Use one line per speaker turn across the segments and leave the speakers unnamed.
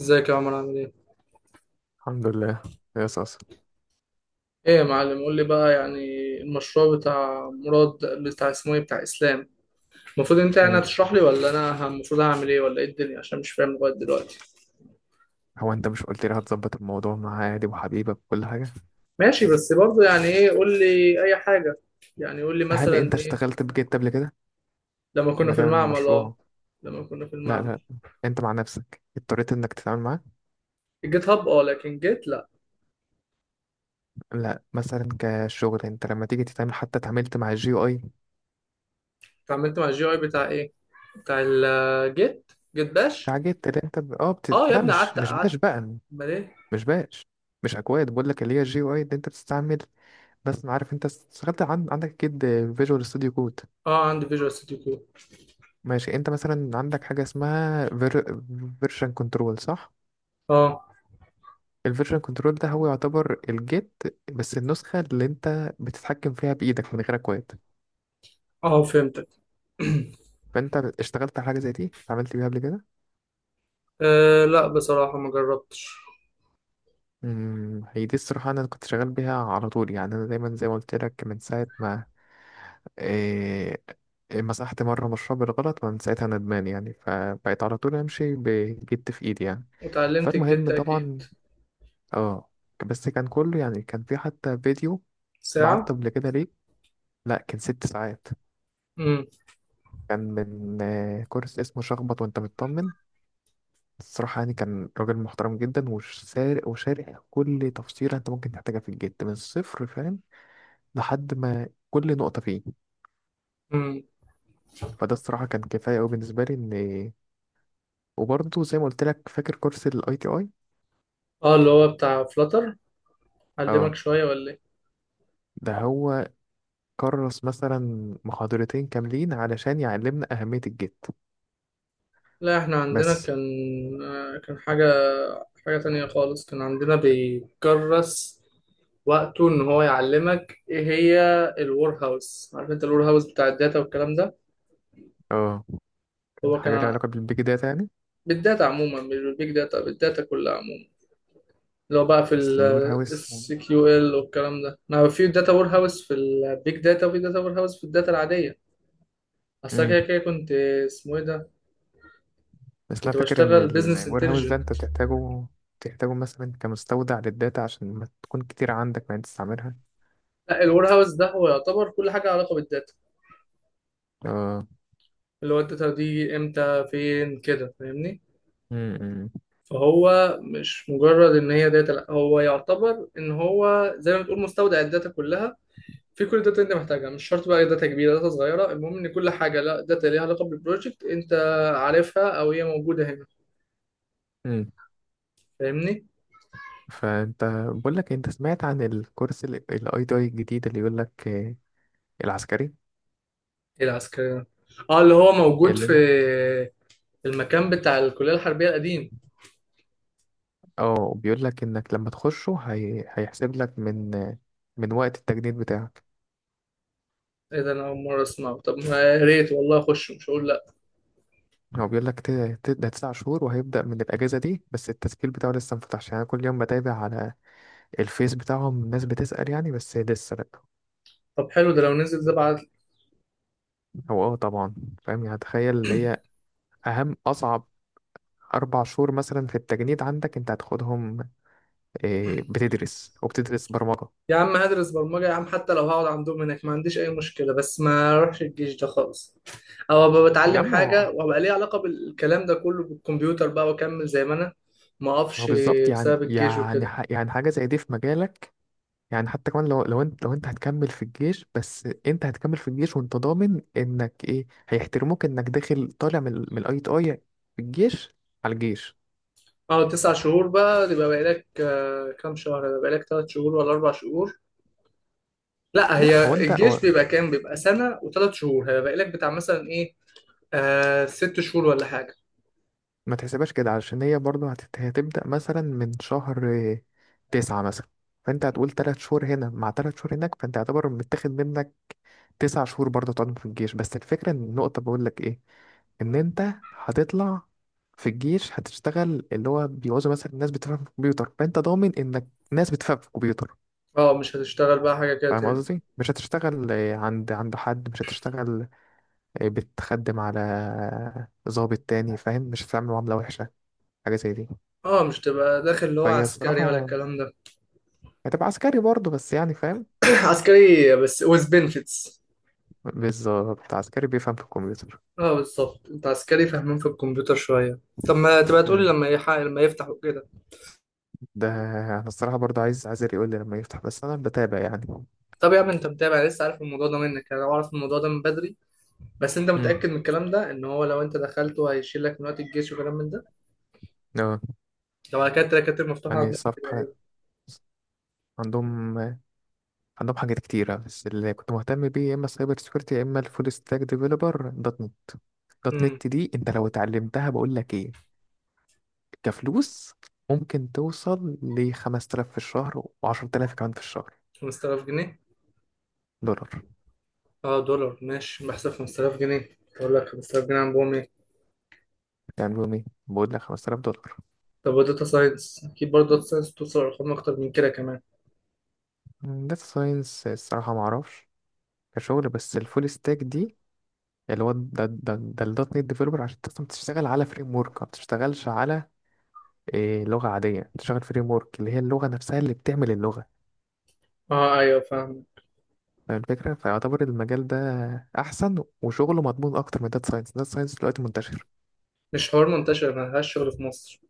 ازيك يا عمر عامل ايه؟
الحمد لله يا صاصة.
ايه يا معلم قول لي بقى، يعني المشروع بتاع مراد، بتاع اسمه ايه، بتاع اسلام. المفروض انت يعني
مم.
هتشرح لي، ولا انا المفروض اعمل ايه، ولا ايه الدنيا؟ عشان مش فاهم لغايه دلوقتي.
هو انت مش قلت لي هتظبط الموضوع مع عادي وحبيبك وكل حاجة؟
ماشي، بس برضه يعني ايه؟ قول لي اي حاجه، يعني قول لي
هل
مثلا
انت
ايه.
اشتغلت بجد قبل كده؟
لما كنا
اما
في
تعمل
المعمل، اه.
مشروع.
لما كنا في
لا،
المعمل.
لا. انت مع نفسك اضطريت انك تتعامل معاه؟
الجيت هاب اه، لكن جيت لا.
لا، مثلا كشغل انت لما تيجي تتعامل، حتى اتعاملت مع الجي او اي.
اتعاملت مع الجي اي بتاع ايه؟ بتاع الجيت جيت باش.
اتعجبت اللي انت
اه يا
لا،
ابني،
مش
قعدت
مش باش
قعدت.
بقى.
امال ايه؟
مش باش. مش اكواد، بقول لك اللي هي الجي او اي اللي انت بتستعمل. بس ما عارف انت اشتغلت عندك اكيد فيجوال ستوديو كود.
اه، عندي فيجوال ستوديو كود.
ماشي، انت مثلا عندك حاجة اسمها فيرجن كنترول، صح؟
اه.
الفيرجن كنترول ده هو يعتبر الجيت، بس النسخة اللي انت بتتحكم فيها بإيدك من غير اكواد.
اه، فهمتك.
فانت اشتغلت على حاجة زي دي، اتعاملت بيها قبل كده؟
أه لا، بصراحة ما جربتش.
هي دي الصراحة، انا كنت شغال بيها على طول، يعني انا دايما زي ما قلت لك من ساعة ما إيه مسحت مرة مشروع بالغلط، من ساعتها ندمان يعني، فبقيت على طول امشي بجيت في ايدي يعني.
وتعلمت الجيت
فالمهم
أكيد.
طبعا. اه، بس كان كله يعني كان في حتى فيديو بعته
ساعة.
قبل كده. ليه؟ لا، كان 6 ساعات.
امم.
كان من كورس اسمه شخبط وانت مطمن. الصراحة يعني كان راجل محترم جدا، وش سارق وشارح كل تفصيلة انت ممكن تحتاجها في الجد من الصفر، فاهم؟ لحد ما كل نقطة فيه.
امم.
فده الصراحة كان كفاية أوي بالنسبة لي إن. وبرضه زي ما قلت لك، فاكر كورس ال ITI؟
اه، اللي هو بتاع فلاتر، علمك
اه،
شوية ولا ايه؟
ده هو. كرس مثلا محاضرتين كاملين علشان يعلمنا أهمية الجد.
لا احنا عندنا
بس،
كان، كان حاجة، حاجة تانية خالص. كان عندنا بيكرس وقته ان هو يعلمك ايه هي الور هاوس. عارف انت الور هاوس بتاع الداتا والكلام ده؟
اه، كان
هو كان
حاجة ليها
ع-
علاقة بالبيج داتا يعني.
بالداتا عموما، مش بالبيج داتا، بالداتا كلها عموما. اللي هو بقى في
بس الوير هاوس.
الاس كيو ال SQL والكلام ده، ما في داتا وير هاوس في البيج داتا، وفي داتا وير هاوس في الداتا العادية. اصل أنا
مم.
كده كده كنت. اسمه ايه ده؟
بس أنا
كنت
فاكر إن
بشتغل بزنس
الوير هاوس ده أنت
انتليجنت.
بتحتاجه، بتحتاجه مثلا كمستودع للداتا عشان ما تكون كتير عندك ما تستعملها.
لا، الوير هاوس ده هو يعتبر كل حاجة علاقة بالداتا،
اه.
اللي هو الداتا دي امتى، فين، كده، فاهمني؟
امم.
فهو مش مجرد ان هي داتا، لا، هو يعتبر ان هو زي ما بتقول مستودع الداتا كلها، في كل داتا انت محتاجها. مش شرط بقى داتا كبيره، داتا صغيره، المهم ان كل حاجه، لا داتا ليها علاقه بالبروجكت، انت عارفها او هي موجوده هنا.
امم.
فاهمني؟
فأنت، بقول لك إيه، أنت سمعت عن الكورس الاي تي اي الجديد؟ اللي يقول لك العسكري.
ايه العسكري؟ اه، اللي هو موجود في
اللي
المكان بتاع الكلية الحربية القديم.
اه بيقول لك إنك لما تخشه هيحسب لك من من وقت التجنيد بتاعك.
ايه ده؟ انا اول مرة اسمعه. طب ما يا ريت والله، اخش، مش هقول لا.
هو بيقول لك ده 9 شهور، وهيبدأ من الأجازة دي، بس التسجيل بتاعه لسه مفتحش، يعني أنا كل يوم بتابع على الفيس بتاعهم، الناس بتسأل يعني، بس لسه لأ.
طب حلو ده، لو نزل ده بعد.
هو اه طبعا. فاهم يعني؟ تخيل اللي هي اهم اصعب 4 شهور مثلا في التجنيد عندك، انت هتاخدهم بتدرس وبتدرس برمجه.
يا عم، هدرس برمجة يا عم، حتى لو هقعد عندهم هناك ما عنديش اي مشكلة، بس ما اروحش الجيش ده خالص. او ابقى
يا
بتعلم
عم هو
حاجة وابقى ليه علاقة بالكلام ده كله، بالكمبيوتر بقى، واكمل زي ما انا ما
هو
اقفش
بالظبط، يعني
بسبب الجيش
يعني
وكده.
ح- يعني حاجه زي دي في مجالك. يعني حتى كمان لو لو انت هتكمل في الجيش، بس انت هتكمل في الجيش وانت ضامن انك ايه، هيحترموك انك داخل طالع من الاي تي اي في الجيش. على الجيش.
اه، 9 شهور بقى، يبقى بقالك كام شهر؟ يبقى بقالك 3 شهور ولا 4 شهور. لا،
لا هو
هي
انت
الجيش
هو
بيبقى كام؟ بيبقى سنة و3 شهور، هيبقى لك بتاع مثلا ايه، آه 6 شهور ولا حاجة.
ما تحسبهاش كده، علشان هي برضو هتبدأ مثلا من شهر تسعة مثلا، فانت هتقول 3 شهور هنا مع 3 شهور هناك، فانت يعتبر متاخد منك 9 شهور برضو تقعدهم في الجيش، بس الفكرة ان النقطة بقول لك ايه، ان انت هتطلع في الجيش، هتشتغل اللي هو بيعوزوا مثلا ناس بتفهم في الكمبيوتر، فانت ضامن انك ناس بتفهم في الكمبيوتر.
اه، مش هتشتغل بقى حاجة كده
فاهم
تاني.
قصدي؟ مش هتشتغل عند حد، مش هتشتغل بتخدم على ضابط تاني، فاهم؟ مش هتتعامل معاملة وحشة، حاجة زي دي.
اه، مش تبقى داخل اللي هو
فهي
عسكري ولا
الصراحة
الكلام ده.
هتبقى عسكري برضه، بس يعني فاهم.
عسكري بس with benefits.
بالظبط، عسكري بيفهم في الكمبيوتر.
اه بالظبط، انت عسكري فاهمين في الكمبيوتر شوية. طب ما تبقى تقولي
مم.
لما لما يفتحوا كده.
ده انا الصراحة برضه عايز يقول لي لما يفتح، بس انا بتابع يعني.
طب يا عم، انت متابع لسه، عارف الموضوع ده منك، انا اعرف الموضوع ده من بدري. بس انت
مم.
متأكد من الكلام ده، ان هو لو انت دخلته هيشيل لك من وقت الجيش وكلام من ده؟
اه،
لو على كده الدكاترة مفتوحة
يعني
عندهم.
صفحة عندهم. عندهم حاجات كتيرة، بس اللي كنت مهتم بيه يا اما السايبر سكيورتي يا اما الفول ستاك ديفيلوبر دوت نت. دوت
امم.
نت دي انت لو اتعلمتها بقول لك ايه، كفلوس ممكن توصل ل 5000 في الشهر و10000 كمان في الشهر.
5000 جنيه؟
دولار.
اه دولار، ماشي، بحسب 5000 جنيه، اقول لك 5000 جنيه عندهم ايه؟
تعملوا ايه؟ بقول لك $5000.
طب وداتا ساينس، اكيد برضه داتا ساينس توصل لارقام اكتر من كده كمان.
داتا ساينس الصراحة ما اعرفش كشغل، بس الفول ستاك دي، اللي هو ده الدوت نت ديفلوبر، عشان تقدر تشتغل على فريم ورك، ما بتشتغلش على لغة عادية، بتشتغل فريم ورك اللي هي اللغة نفسها اللي بتعمل اللغة.
اه ايوه، فاهم.
فاهم الفكرة؟ فيعتبر المجال ده أحسن وشغله مضمون أكتر من داتا ساينس. داتا ساينس دلوقتي منتشر.
مش حوار منتشر، ملهاش شغل في مصر.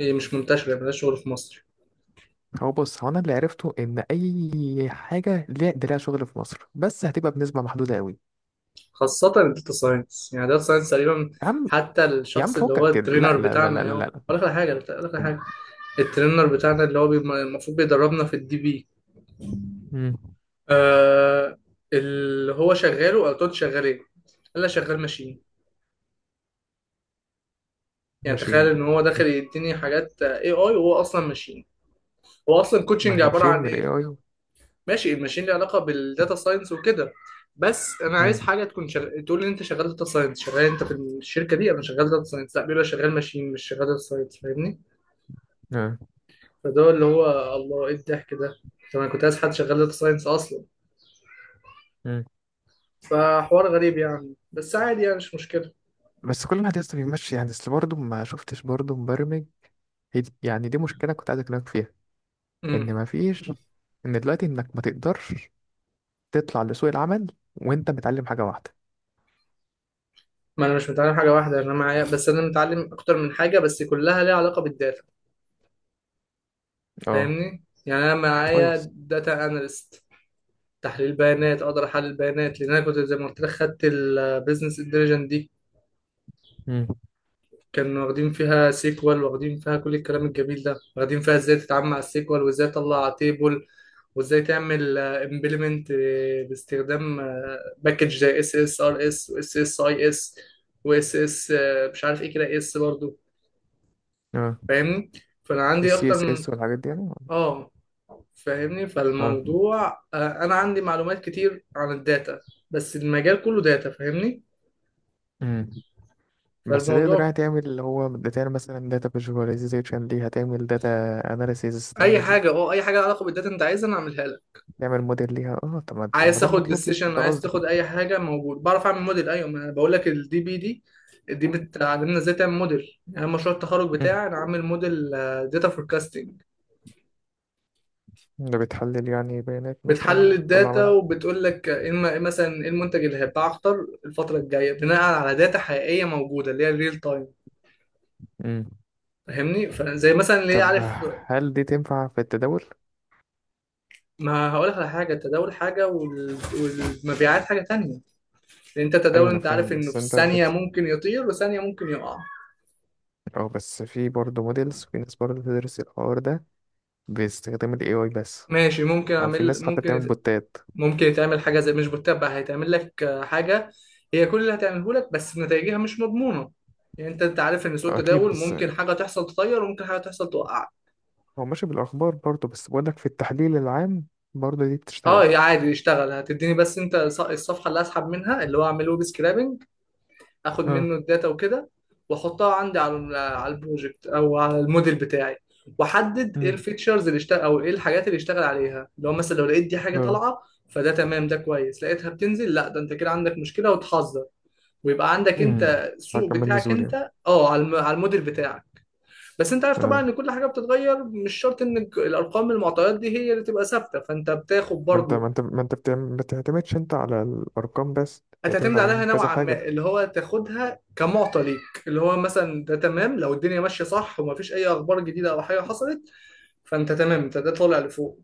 هي مش منتشرة، ملهاش شغل في مصر.
هو بص، هو أنا اللي عرفته إن أي حاجة ليها ده ليها شغل في مصر، بس هتبقى بنسبة محدودة قوي.
خاصة الداتا ساينس، يعني الداتا ساينس تقريبا.
يا عم،
حتى
يا عم
الشخص اللي هو
فكك كده، لا
الترينر
لا لا
بتاعنا،
لا
يا
لا
هو
لا.
اقول لك على حاجة، اقول لك على حاجة. الترينر بتاعنا اللي هو المفروض بيدربنا في الدي بي.
مم.
آه. اللي هو شغال، وقال له شغال ايه؟ قال لي شغال ماشين. يعني تخيل
ماشيين.
ان هو
مم.
داخل يديني حاجات اي اي وهو اصلا ماشين. هو اصلا كوتشنج عباره
ماشيين
عن
من ال
ايه؟
AI.
ماشي، الماشين ليه علاقه بالداتا ساينس وكده. بس انا عايز
مم.
حاجه تكون تقول لي انت شغال داتا ساينس، شغال انت في الشركه دي انا شغال داتا ساينس. لا، بيقول لي شغال ماشين، مش شغال داتا ساينس. فاهمني؟ فده اللي هو. الله، ايه الضحك ده! طب انا كنت عايز حد شغال داتا ساينس اصلا.
آه.
فحوار غريب يعني، بس عادي يعني، مش مشكله.
بس كل واحد يسطا بيمشي يعني، اصل برضه ما شفتش برضه مبرمج. يعني دي مشكلة كنت عايز اكلمك فيها،
امم.
ان ما فيش، ان دلوقتي انك ما تقدرش تطلع لسوق العمل وانت متعلم حاجة واحدة.
ما انا مش متعلم حاجه واحده، انا معايا، بس انا متعلم اكتر من حاجه، بس كلها ليها علاقه بالداتا.
اه.
فاهمني؟ يعني انا
كويس.
معايا داتا اناليست، تحليل بيانات، اقدر احلل بيانات. لان انا كنت زي ما قلت لك خدت البيزنس انتليجنت دي.
امم.
كانوا واخدين فيها سيكوال، واخدين فيها كل الكلام الجميل ده، واخدين فيها ازاي تتعامل مع السيكوال، وازاي تطلع تيبل، وازاي تعمل امبلمنت باستخدام باكج زي اس اس ار اس، واس اس اي اس، واس اس مش عارف ايه كده، اس برضو.
اه،
فاهمني؟ فانا عندي
السي
اكتر
اس
من،
اس والحاجات دي يعني.
اه، فاهمني؟
اه.
فالموضوع، انا عندي معلومات كتير عن الداتا، بس المجال كله داتا، فاهمني؟
امم. بس تقدر يعني
فالموضوع
تعمل اللي هو تعمل مثلا داتا فيجواليزيشن ليها، تعمل داتا اناليسيز،
اي
تعمل
حاجه، اي حاجه لها علاقه بالداتا انت عايزها انا اعملها لك.
تعمل موديل ليها؟ اه، طب ما
عايز
ده
تاخد
المطلوب يا اسطى،
ديسيشن،
ده
عايز
قصدي.
تاخد اي حاجه موجود، بعرف اعمل موديل. ايوه، ما انا بقول لك الدي بي دي، دي بتعلمنا ازاي تعمل موديل. يعني أنا مشروع التخرج
مم.
بتاعي، انا عامل موديل داتا فوركاستنج.
ده بتحلل يعني بيانات مثلا
بتحلل الداتا
وتطلع
وبتقول لك إيه مثلا ايه المنتج اللي هيتباع اكتر الفتره الجايه، بناء على داتا حقيقيه موجوده اللي هي الريل تايم.
منها.
فاهمني؟ فزي مثلا اللي
طب
عارف.
هل دي تنفع في التداول؟
ما هقولك على حاجة، التداول حاجة، والمبيعات حاجة تانية. لأن أنت التداول
أيوة أنا
أنت عارف
فاهم،
إنه
بس
في
أنت
الثانية ممكن يطير، وثانية ممكن يقع.
أو بس في برضه موديلز، في ناس برضه بتدرس الحوار ده باستخدام ال AI بس،
ماشي، ممكن
أو في
أعمل،
ناس حتى بتعمل بوتات.
ممكن يتعمل حاجة زي مش بتتبع، هيتعمل لك، حاجة. هي كل اللي هتعمله لك، بس نتائجها مش مضمونة. يعني أنت، عارف إن سوق
أكيد،
التداول
بس
ممكن حاجة تحصل تطير، وممكن حاجة تحصل توقعك.
هو ماشي بالأخبار برضه، بس بقولك في التحليل العام برضه دي
أه
بتشتغل.
يا عادي يشتغل، هتديني بس أنت الصفحة اللي أسحب منها، اللي هو أعمل ويب سكرابنج، اخد
اه.
منه الداتا وكده، واحطها عندي على على البروجكت او على الموديل بتاعي. واحدد ايه
امم.
الفيتشرز اللي اشتغل، او ايه الحاجات اللي اشتغل عليها. لو مثلا لقيت دي حاجه
اه.
طالعه، فده تمام، ده كويس. لقيتها بتنزل، لا ده انت كده عندك مشكله، وتحذر، ويبقى عندك
امم.
انت سوق
هكمل
بتاعك
نزول يعني.
انت، اه، على على الموديل بتاعك. بس انت عارف طبعا
اه،
ان كل حاجه بتتغير، مش شرط ان الارقام المعطيات دي هي اللي تبقى ثابته، فانت بتاخد
ما انت
برضو،
ما بتعتمدش انت على الارقام بس، بتعتمد
هتعتمد عليها
على كذا
نوعا
حاجه
ما، اللي هو تاخدها كمعطى ليك، اللي هو مثلا ده تمام لو الدنيا ماشيه صح ومفيش اي اخبار جديده او حاجه حصلت، فانت تمام، انت ده طالع لفوق.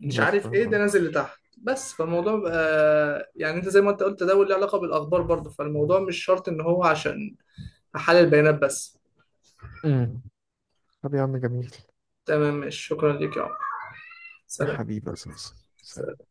مش
مثلا.
عارف ايه، ده
اه.
نازل لتحت، بس فالموضوع بقى يعني انت زي ما انت قلت، ده له علاقه بالاخبار برضه، فالموضوع مش شرط ان هو عشان احلل البيانات بس.
امم. طب يا عم جميل.
تمام، ماشي، شكرا ليك يا عمر.
يا
سلام.
حبيبي يا أستاذ. سلام.